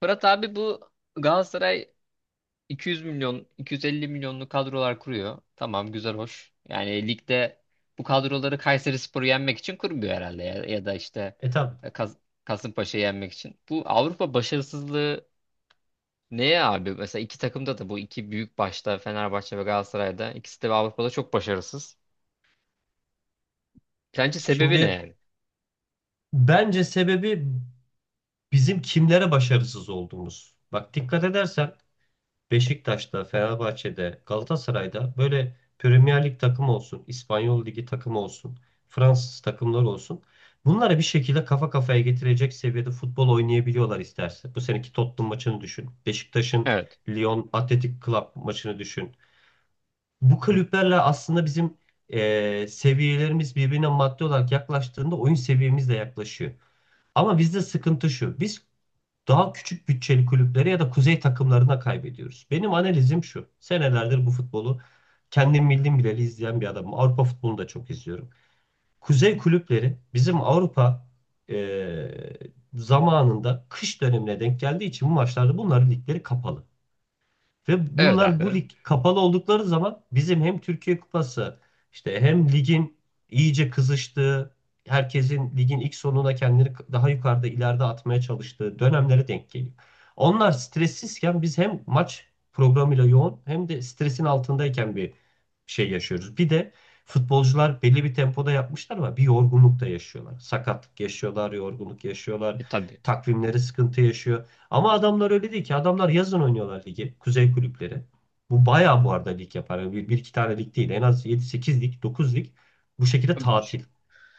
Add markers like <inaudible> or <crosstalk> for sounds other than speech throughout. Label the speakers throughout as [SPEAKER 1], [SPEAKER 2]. [SPEAKER 1] Fırat abi, bu Galatasaray 200 milyon, 250 milyonlu kadrolar kuruyor. Tamam, güzel, hoş. Yani ligde bu kadroları Kayserispor'u yenmek için kurmuyor herhalde ya, ya da işte
[SPEAKER 2] E tabii.
[SPEAKER 1] e, Kas Kasımpaşa'yı yenmek için. Bu Avrupa başarısızlığı neye abi? Mesela iki takımda da bu iki büyük, başta Fenerbahçe ve Galatasaray'da, ikisi de Avrupa'da çok başarısız. Sence sebebi ne
[SPEAKER 2] Şimdi
[SPEAKER 1] yani?
[SPEAKER 2] bence sebebi bizim kimlere başarısız olduğumuz. Bak dikkat edersen Beşiktaş'ta, Fenerbahçe'de, Galatasaray'da böyle Premier Lig takımı olsun, İspanyol Ligi takımı olsun, Fransız takımları olsun. Bunları bir şekilde kafa kafaya getirecek seviyede futbol oynayabiliyorlar isterse. Bu seneki Tottenham maçını düşün. Beşiktaş'ın
[SPEAKER 1] Evet.
[SPEAKER 2] Lyon Athletic Club maçını düşün. Bu kulüplerle aslında bizim seviyelerimiz birbirine maddi olarak yaklaştığında oyun seviyemiz de yaklaşıyor. Ama bizde sıkıntı şu. Biz daha küçük bütçeli kulüplere ya da kuzey takımlarına kaybediyoruz. Benim analizim şu. Senelerdir bu futbolu kendim bildim bileli izleyen bir adamım. Avrupa futbolunu da çok izliyorum. Kuzey kulüpleri bizim Avrupa e, zamanında kış dönemine denk geldiği için bu maçlarda bunların ligleri kapalı. Ve
[SPEAKER 1] Evet
[SPEAKER 2] bunlar bu
[SPEAKER 1] abi.
[SPEAKER 2] lig kapalı oldukları zaman bizim hem Türkiye Kupası işte hem ligin iyice kızıştığı, herkesin ligin ilk sonuna kendini daha yukarıda ileride atmaya çalıştığı dönemlere denk geliyor. Onlar stressizken biz hem maç programıyla yoğun hem de stresin altındayken bir şey yaşıyoruz. Bir de futbolcular belli bir tempoda yapmışlar ama bir yorgunluk da yaşıyorlar. Sakatlık yaşıyorlar, yorgunluk
[SPEAKER 1] E
[SPEAKER 2] yaşıyorlar.
[SPEAKER 1] tabii.
[SPEAKER 2] Takvimleri sıkıntı yaşıyor. Ama adamlar öyle değil ki. Adamlar yazın oynuyorlar ligi. Kuzey kulüpleri. Bu bayağı bu arada lig yapar. Yani bir iki tane lig değil. En az yedi sekiz lig, 9 lig. Bu şekilde tatil.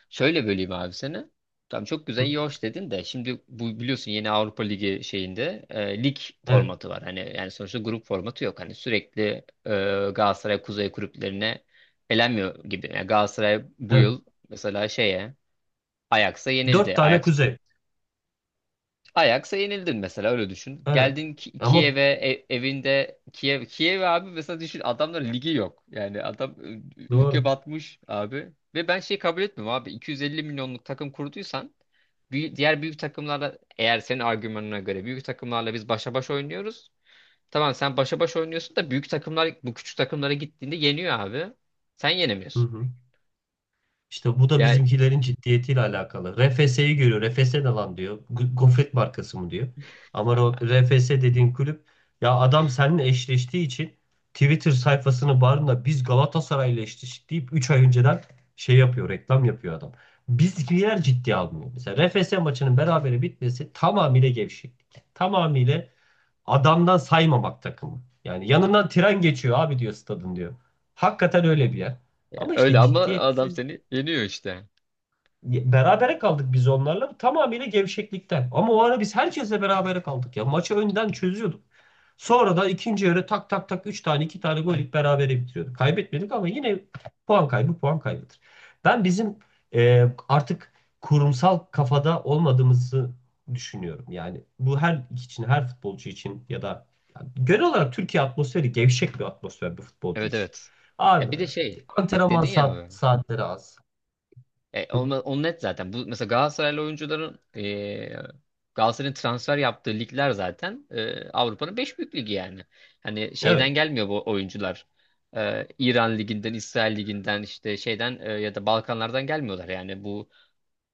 [SPEAKER 1] Şöyle böleyim abi seni. Tamam, çok güzel,
[SPEAKER 2] Hı.
[SPEAKER 1] iyi hoş dedin de şimdi bu biliyorsun, yeni Avrupa Ligi şeyinde lig
[SPEAKER 2] Evet.
[SPEAKER 1] formatı var. Hani yani sonuçta grup formatı yok. Hani sürekli e, Galatasaray Kuzey kulüplerine elenmiyor gibi. Yani Galatasaray bu
[SPEAKER 2] Evet.
[SPEAKER 1] yıl mesela şeye Ajax'a
[SPEAKER 2] Dört
[SPEAKER 1] yenildi.
[SPEAKER 2] tane
[SPEAKER 1] Ajax
[SPEAKER 2] kuzey.
[SPEAKER 1] Ajax'a yenildin mesela, öyle düşün.
[SPEAKER 2] Evet.
[SPEAKER 1] Geldin
[SPEAKER 2] Ama
[SPEAKER 1] Kiev'e, evinde Kiev abi, mesela düşün, adamların ligi yok. Yani adam ülke
[SPEAKER 2] doğru.
[SPEAKER 1] batmış abi. Ve ben şey kabul etmiyorum abi. 250 milyonluk takım kurduysan diğer büyük takımlarla, eğer senin argümanına göre büyük takımlarla biz başa baş oynuyoruz. Tamam, sen başa baş oynuyorsun da büyük takımlar bu küçük takımlara gittiğinde yeniyor abi. Sen
[SPEAKER 2] Hı
[SPEAKER 1] yenemiyorsun.
[SPEAKER 2] hı. İşte bu da
[SPEAKER 1] Yani
[SPEAKER 2] bizimkilerin ciddiyetiyle alakalı. RFS'yi görüyor. RFS ne lan diyor. Gofret markası mı diyor. Ama o RFS dediğin kulüp ya adam seninle eşleştiği için Twitter sayfasını barında biz Galatasaray'la eşleştik deyip 3 ay önceden şey yapıyor, reklam yapıyor adam. Bizimkiler ciddiye almıyor. Mesela RFS maçının berabere bitmesi tamamıyla gevşeklik. Tamamıyla adamdan saymamak takımı. Yani yanından tren geçiyor abi diyor stadın diyor. Hakikaten öyle bir yer. Ama
[SPEAKER 1] öyle,
[SPEAKER 2] işte
[SPEAKER 1] ama adam
[SPEAKER 2] ciddiyetsiz.
[SPEAKER 1] seni yeniyor işte.
[SPEAKER 2] Berabere kaldık biz onlarla tamamıyla gevşeklikten. Ama o ara biz herkesle berabere kaldık ya. Maçı önden çözüyorduk. Sonra da ikinci yarı tak tak tak 3 tane 2 tane gol yiyip berabere bitiriyorduk. Kaybetmedik ama yine puan kaybı puan kaybıdır. Ben bizim artık kurumsal kafada olmadığımızı düşünüyorum. Yani bu her için her futbolcu için ya da yani genel olarak Türkiye atmosferi gevşek bir atmosfer bir futbolcu
[SPEAKER 1] Evet,
[SPEAKER 2] için.
[SPEAKER 1] evet. Ya
[SPEAKER 2] Abi
[SPEAKER 1] bir de şey bak,
[SPEAKER 2] antrenman
[SPEAKER 1] dedin ya
[SPEAKER 2] saat,
[SPEAKER 1] abi.
[SPEAKER 2] saatleri az.
[SPEAKER 1] E, onu,
[SPEAKER 2] <laughs>
[SPEAKER 1] onu net zaten. Bu mesela Galatasaraylı oyuncuların, Galatasaray'ın transfer yaptığı ligler zaten Avrupa'nın 5 büyük ligi yani. Hani şeyden
[SPEAKER 2] Evet,
[SPEAKER 1] gelmiyor bu oyuncular. İran liginden, İsrail liginden, işte şeyden, ya da Balkanlardan gelmiyorlar yani. Bu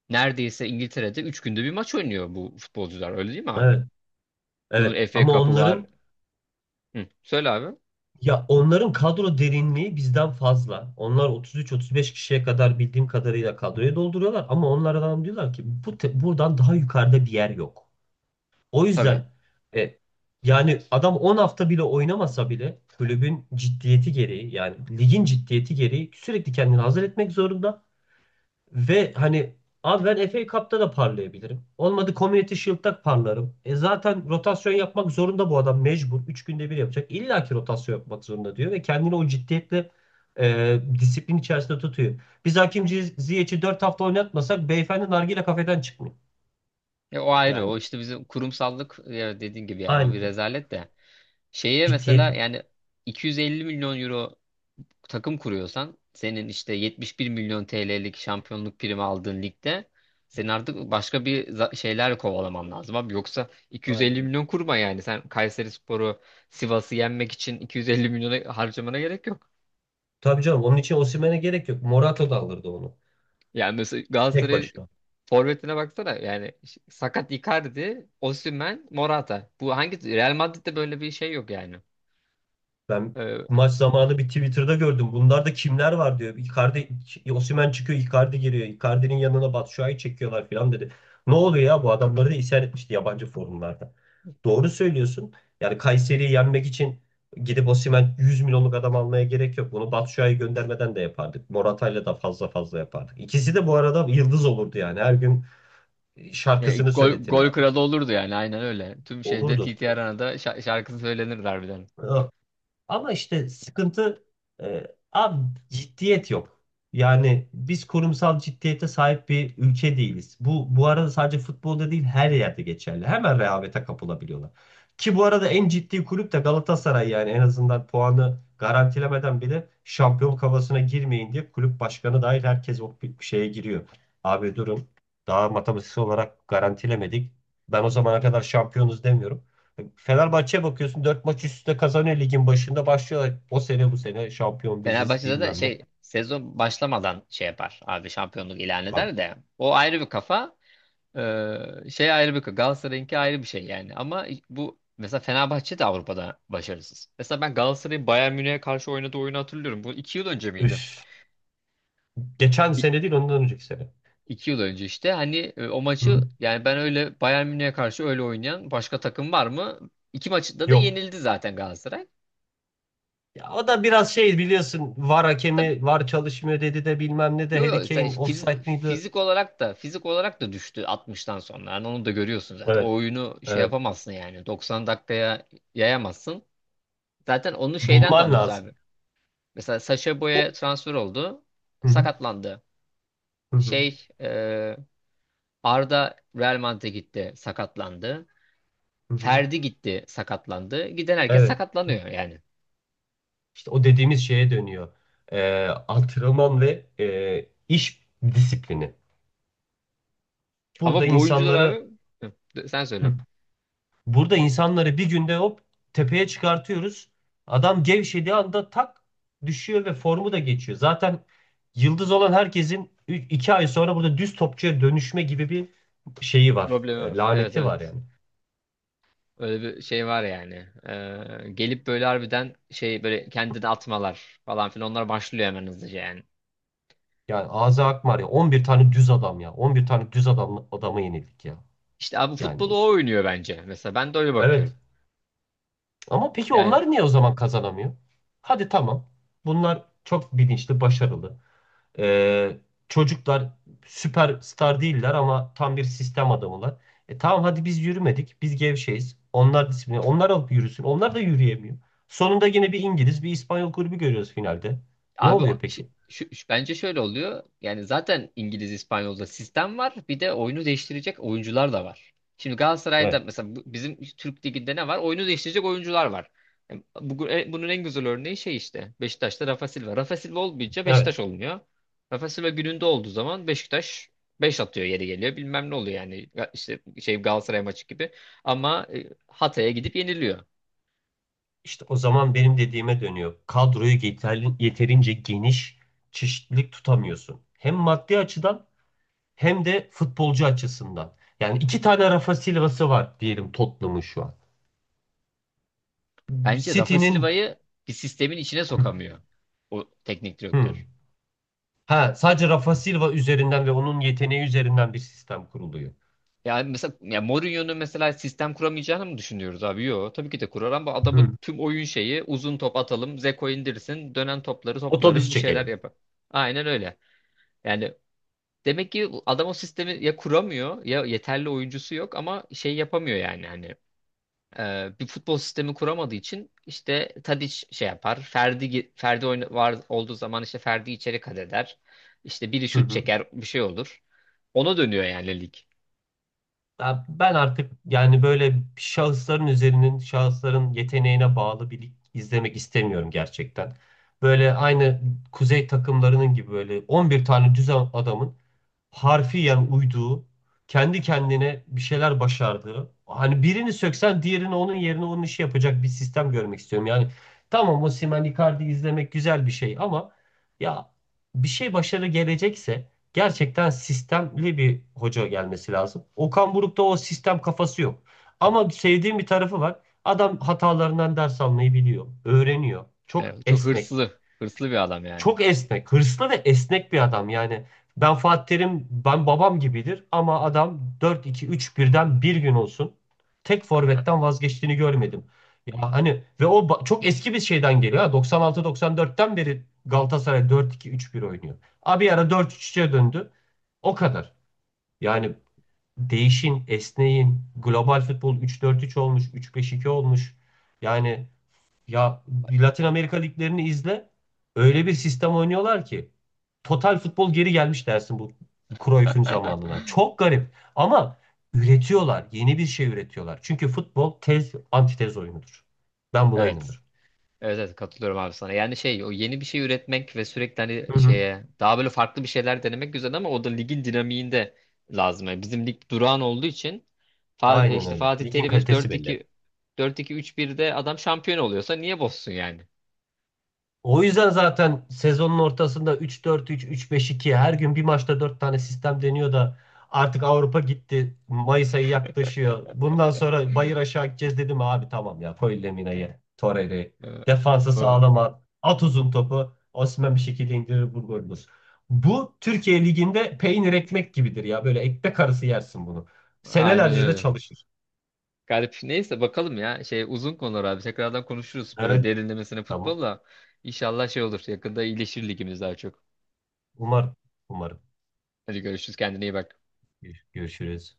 [SPEAKER 1] neredeyse İngiltere'de 3 günde bir maç oynuyor bu futbolcular. Öyle değil mi abi?
[SPEAKER 2] evet. Evet
[SPEAKER 1] Bunun FA
[SPEAKER 2] ama
[SPEAKER 1] Cup'ı var. Hı, söyle abi.
[SPEAKER 2] onların kadro derinliği bizden fazla. Onlar 33-35 kişiye kadar bildiğim kadarıyla kadroyu dolduruyorlar ama onlardan diyorlar ki bu buradan daha yukarıda bir yer yok. O
[SPEAKER 1] Tabii.
[SPEAKER 2] yüzden e, yani adam 10 hafta bile oynamasa bile kulübün ciddiyeti gereği yani ligin ciddiyeti gereği sürekli kendini hazır etmek zorunda. Ve hani abi ben FA Cup'ta da parlayabilirim. Olmadı Community Shield'da parlarım. E zaten rotasyon yapmak zorunda bu adam mecbur. 3 günde bir yapacak. İlla ki rotasyon yapmak zorunda diyor ve kendini o ciddiyetle disiplin içerisinde tutuyor. Biz Hakim Ziyech'i 4 hafta oynatmasak beyefendi nargile kafeden çıkmıyor.
[SPEAKER 1] O ayrı. O
[SPEAKER 2] Yani
[SPEAKER 1] işte bizim kurumsallık, dediğin gibi yani, o
[SPEAKER 2] aynen
[SPEAKER 1] bir
[SPEAKER 2] öyle.
[SPEAKER 1] rezalet de. Şeye
[SPEAKER 2] Ciddiyet
[SPEAKER 1] mesela,
[SPEAKER 2] yok.
[SPEAKER 1] yani 250 milyon euro takım kuruyorsan senin işte 71 milyon TL'lik şampiyonluk primi aldığın ligde senin artık başka bir şeyler kovalaman lazım abi. Yoksa
[SPEAKER 2] Aynen
[SPEAKER 1] 250
[SPEAKER 2] öyle.
[SPEAKER 1] milyon kurma yani. Sen Kayserispor'u, Sivas'ı yenmek için 250 milyona harcamana gerek yok.
[SPEAKER 2] Tabii canım onun için Osimhen'e gerek yok. Morata da alırdı onu.
[SPEAKER 1] Yani mesela
[SPEAKER 2] Tek
[SPEAKER 1] Galatasaray
[SPEAKER 2] başına.
[SPEAKER 1] forvetine baksana. Yani, sakat Icardi, Osimhen, Morata. Bu hangi, Real Madrid'de böyle bir şey yok yani.
[SPEAKER 2] Ben
[SPEAKER 1] Ee,
[SPEAKER 2] maç zamanı bir Twitter'da gördüm. Bunlar da kimler var diyor. Icardi, Osimhen çıkıyor, Icardi giriyor. Icardi'nin yanına Batshuayi çekiyorlar falan dedi. Ne oluyor ya bu adamları da isyan etmişti yabancı forumlarda. Doğru söylüyorsun. Yani Kayseri'yi yenmek için gidip Osimhen 100 milyonluk adam almaya gerek yok. Bunu Batshuayi göndermeden de yapardık. Morata'yla da fazla fazla yapardık. İkisi de bu arada yıldız olurdu yani. Her gün
[SPEAKER 1] e,
[SPEAKER 2] şarkısını
[SPEAKER 1] gol, gol
[SPEAKER 2] söyletirlerdi.
[SPEAKER 1] kralı olurdu yani, aynen öyle. Tüm şeyde
[SPEAKER 2] Olurdu.
[SPEAKER 1] TT Arena'da şarkısı söylenirdi harbiden.
[SPEAKER 2] Ama işte sıkıntı, e, abi, ciddiyet yok. Yani biz kurumsal ciddiyete sahip bir ülke değiliz. Bu, bu arada, sadece futbolda değil her yerde geçerli. Hemen rehavete kapılabiliyorlar. Ki bu arada en ciddi kulüp de Galatasaray yani en azından puanı garantilemeden bile şampiyon kafasına girmeyin diye kulüp başkanı dahil herkes o bir şeye giriyor. Abi durun, daha matematiksel olarak garantilemedik. Ben o zamana kadar şampiyonuz demiyorum. Fenerbahçe'ye bakıyorsun 4 maç üst üste kazanıyor ligin başında başlıyorlar. O sene bu sene şampiyon biziz
[SPEAKER 1] Fenerbahçe'de de
[SPEAKER 2] bilmem ne.
[SPEAKER 1] şey, sezon başlamadan şey yapar. Abi, şampiyonluk ilan
[SPEAKER 2] Abi,
[SPEAKER 1] eder de. O ayrı bir kafa. Şey ayrı bir kafa. Galatasaray'ınki ayrı bir şey yani. Ama bu mesela Fenerbahçe de Avrupa'da başarısız. Mesela ben Galatasaray'ın Bayern Münih'e karşı oynadığı oyunu hatırlıyorum. Bu 2 yıl önce miydi?
[SPEAKER 2] üf. Geçen
[SPEAKER 1] İ-
[SPEAKER 2] sene değil ondan önceki sene.
[SPEAKER 1] 2 yıl önce işte. Hani o maçı,
[SPEAKER 2] Hı?
[SPEAKER 1] yani ben öyle Bayern Münih'e karşı öyle oynayan başka takım var mı? İki maçta da
[SPEAKER 2] Yok.
[SPEAKER 1] yenildi zaten Galatasaray.
[SPEAKER 2] Ya o da biraz şey biliyorsun VAR hakemi, VAR çalışmıyor dedi de bilmem ne de
[SPEAKER 1] Yo,
[SPEAKER 2] Harry
[SPEAKER 1] yo, sen
[SPEAKER 2] Kane offside miydi?
[SPEAKER 1] fizik olarak da, düştü 60'tan sonra. Yani onu da görüyorsun zaten.
[SPEAKER 2] Evet,
[SPEAKER 1] O oyunu şey
[SPEAKER 2] evet.
[SPEAKER 1] yapamazsın yani, 90 dakikaya yayamazsın. Zaten onu şeyden de
[SPEAKER 2] Bulman
[SPEAKER 1] anlıyoruz
[SPEAKER 2] lazım.
[SPEAKER 1] abi. Mesela Sacha
[SPEAKER 2] O...
[SPEAKER 1] Boey'e transfer oldu.
[SPEAKER 2] Hı hı,
[SPEAKER 1] Sakatlandı.
[SPEAKER 2] hı hı,
[SPEAKER 1] Şey, Arda Real Madrid'e gitti. Sakatlandı.
[SPEAKER 2] hı hı.
[SPEAKER 1] Ferdi gitti. Sakatlandı. Giden herkes
[SPEAKER 2] Evet. Evet.
[SPEAKER 1] sakatlanıyor yani.
[SPEAKER 2] İşte o dediğimiz şeye dönüyor. Antrenman ve e, iş disiplini. Burada
[SPEAKER 1] Ama bu oyuncular
[SPEAKER 2] insanları
[SPEAKER 1] abi. Hı, sen
[SPEAKER 2] Hı.
[SPEAKER 1] söyle.
[SPEAKER 2] Burada insanları bir günde hop tepeye çıkartıyoruz. Adam gevşediği anda tak düşüyor ve formu da geçiyor. Zaten yıldız olan herkesin 2 ay sonra burada düz topçuya dönüşme gibi bir şeyi var.
[SPEAKER 1] Problemi var. Evet,
[SPEAKER 2] Laneti var
[SPEAKER 1] evet.
[SPEAKER 2] yani.
[SPEAKER 1] Öyle bir şey var yani. Gelip böyle harbiden şey, böyle kendini atmalar falan filan, onlar başlıyor hemen hızlıca yani.
[SPEAKER 2] Yani Aza Akmar ya, 11 tane düz adam ya. 11 tane düz adam adama yenildik ya.
[SPEAKER 1] İşte abi,
[SPEAKER 2] Yani
[SPEAKER 1] futbolu o oynuyor bence. Mesela ben de öyle bakıyorum.
[SPEAKER 2] evet. Ama peki
[SPEAKER 1] Yani
[SPEAKER 2] onlar niye o zaman kazanamıyor? Hadi tamam. Bunlar çok bilinçli, başarılı. Ee, Çocuklar süperstar değiller ama tam bir sistem adamılar. E tamam hadi biz yürümedik. Biz gevşeyiz. Onlar disiplin. Onlar alıp yürüsün. Onlar da yürüyemiyor. Sonunda yine bir İngiliz, bir İspanyol kulübü görüyoruz finalde. Ne
[SPEAKER 1] abi,
[SPEAKER 2] oluyor peki?
[SPEAKER 1] bence şöyle oluyor. Yani zaten İngiliz, İspanyol'da sistem var. Bir de oyunu değiştirecek oyuncular da var. Şimdi Galatasaray'da
[SPEAKER 2] Evet.
[SPEAKER 1] mesela, bizim Türk Ligi'nde ne var? Oyunu değiştirecek oyuncular var. Yani bunun en güzel örneği şey işte, Beşiktaş'ta Rafa Silva. Rafa Silva olmayınca
[SPEAKER 2] Evet.
[SPEAKER 1] Beşiktaş olmuyor. Rafa Silva gününde olduğu zaman Beşiktaş 5 atıyor yeri geliyor. Bilmem ne oluyor yani. Ya, İşte şey, Galatasaray maçı gibi. Ama Hatay'a gidip yeniliyor.
[SPEAKER 2] İşte o zaman benim dediğime dönüyor. Kadroyu yeterli, yeterince geniş çeşitlilik tutamıyorsun. Hem maddi açıdan hem de futbolcu açısından. Yani iki tane Rafa Silva'sı var diyelim Tottenham'ın şu an.
[SPEAKER 1] Bence Rafa
[SPEAKER 2] City'nin.
[SPEAKER 1] Silva'yı bir sistemin içine
[SPEAKER 2] <laughs>
[SPEAKER 1] sokamıyor o teknik direktör.
[SPEAKER 2] <clears throat> Ha, sadece Rafa Silva üzerinden ve onun yeteneği üzerinden bir sistem kuruluyor.
[SPEAKER 1] Yani mesela, ya Mourinho'nun mesela sistem kuramayacağını mı düşünüyoruz abi? Yok. Tabii ki de kurar, ama
[SPEAKER 2] Hı.
[SPEAKER 1] adamın tüm oyun şeyi: uzun top atalım, Zeko indirsin, dönen topları toplarız,
[SPEAKER 2] Otobüs
[SPEAKER 1] bir şeyler
[SPEAKER 2] çekelim.
[SPEAKER 1] yapar. Aynen öyle. Yani demek ki adam o sistemi ya kuramıyor ya yeterli oyuncusu yok, ama şey yapamıyor yani, hani. Bir futbol sistemi kuramadığı için, işte Tadiç şey yapar. Ferdi oyna, var olduğu zaman işte Ferdi içeri kat eder. İşte biri
[SPEAKER 2] Hı
[SPEAKER 1] şut
[SPEAKER 2] hı.
[SPEAKER 1] çeker, bir şey olur. Ona dönüyor yani lig.
[SPEAKER 2] Ya ben artık yani böyle şahısların yeteneğine bağlı bir lig izlemek istemiyorum gerçekten. Böyle aynı kuzey takımlarının gibi böyle 11 tane düz adamın harfiyen uyduğu, kendi kendine bir şeyler başardığı. Hani birini söksen diğerini onun yerine onun işi yapacak bir sistem görmek istiyorum. Yani tamam, Osimhen Icardi izlemek güzel bir şey ama ya bir şey başarı gelecekse gerçekten sistemli bir hoca gelmesi lazım. Okan Buruk'ta o sistem kafası yok. Ama sevdiğim bir tarafı var. Adam hatalarından ders almayı biliyor, öğreniyor. Çok
[SPEAKER 1] Çok
[SPEAKER 2] esnek.
[SPEAKER 1] hırslı, bir adam yani.
[SPEAKER 2] Çok esnek. Hırslı ve esnek bir adam. Yani ben Fatih Terim, ben babam gibidir ama adam dört iki üç birden bir gün olsun tek forvetten vazgeçtiğini görmedim. Ya hani ve o çok eski bir şeyden geliyor. Ha. 96-94'ten beri Galatasaray dört iki üç bir oynuyor. Abi ara dört 3 3e döndü. O kadar. Yani değişin, esneyin. Global futbol üç dört üç olmuş, üç beş iki olmuş. Yani ya Latin Amerika liglerini izle. Öyle bir sistem oynuyorlar ki total futbol geri gelmiş dersin bu Cruyff'un zamanına.
[SPEAKER 1] <laughs>
[SPEAKER 2] Çok garip ama üretiyorlar. Yeni bir şey üretiyorlar. Çünkü futbol tez antitez oyunudur. Ben buna
[SPEAKER 1] Evet.
[SPEAKER 2] inanırım.
[SPEAKER 1] Evet, evet, katılıyorum abi sana. Yani şey, o yeni bir şey üretmek ve sürekli hani
[SPEAKER 2] Hı hı.
[SPEAKER 1] şeye daha böyle farklı bir şeyler denemek güzel, ama o da ligin dinamiğinde lazım. Yani bizim lig durağan olduğu için
[SPEAKER 2] Aynen
[SPEAKER 1] işte
[SPEAKER 2] öyle.
[SPEAKER 1] Fatih
[SPEAKER 2] Ligin
[SPEAKER 1] Terim işte
[SPEAKER 2] kalitesi belli.
[SPEAKER 1] 4-2-3-1'de adam şampiyon oluyorsa niye bozsun yani?
[SPEAKER 2] O yüzden zaten sezonun ortasında 3-4-3, 3-5-2 her gün bir maçta 4 tane sistem deniyor da artık Avrupa gitti. Mayıs ayı yaklaşıyor. Bundan sonra bayır aşağı gideceğiz dedim abi, tamam ya, koy Lemina'yı, Torreira'yı.
[SPEAKER 1] Ee,
[SPEAKER 2] Defansı
[SPEAKER 1] o-
[SPEAKER 2] sağlam at. At uzun topu. Osimhen bir şekilde indirir bu golü bulur. Bu Türkiye Ligi'nde peynir ekmek gibidir ya. Böyle ekmek arası yersin bunu.
[SPEAKER 1] Aynen
[SPEAKER 2] Senelerce de
[SPEAKER 1] öyle.
[SPEAKER 2] çalışır.
[SPEAKER 1] Garip. Neyse, bakalım ya. Şey, uzun konular abi. Tekrardan konuşuruz böyle,
[SPEAKER 2] Evet.
[SPEAKER 1] derinlemesine
[SPEAKER 2] Tamam.
[SPEAKER 1] futbolla. İnşallah şey olur, yakında iyileşir ligimiz daha çok.
[SPEAKER 2] Umarım. Umarım.
[SPEAKER 1] Hadi görüşürüz. Kendine iyi bak.
[SPEAKER 2] Görüşürüz.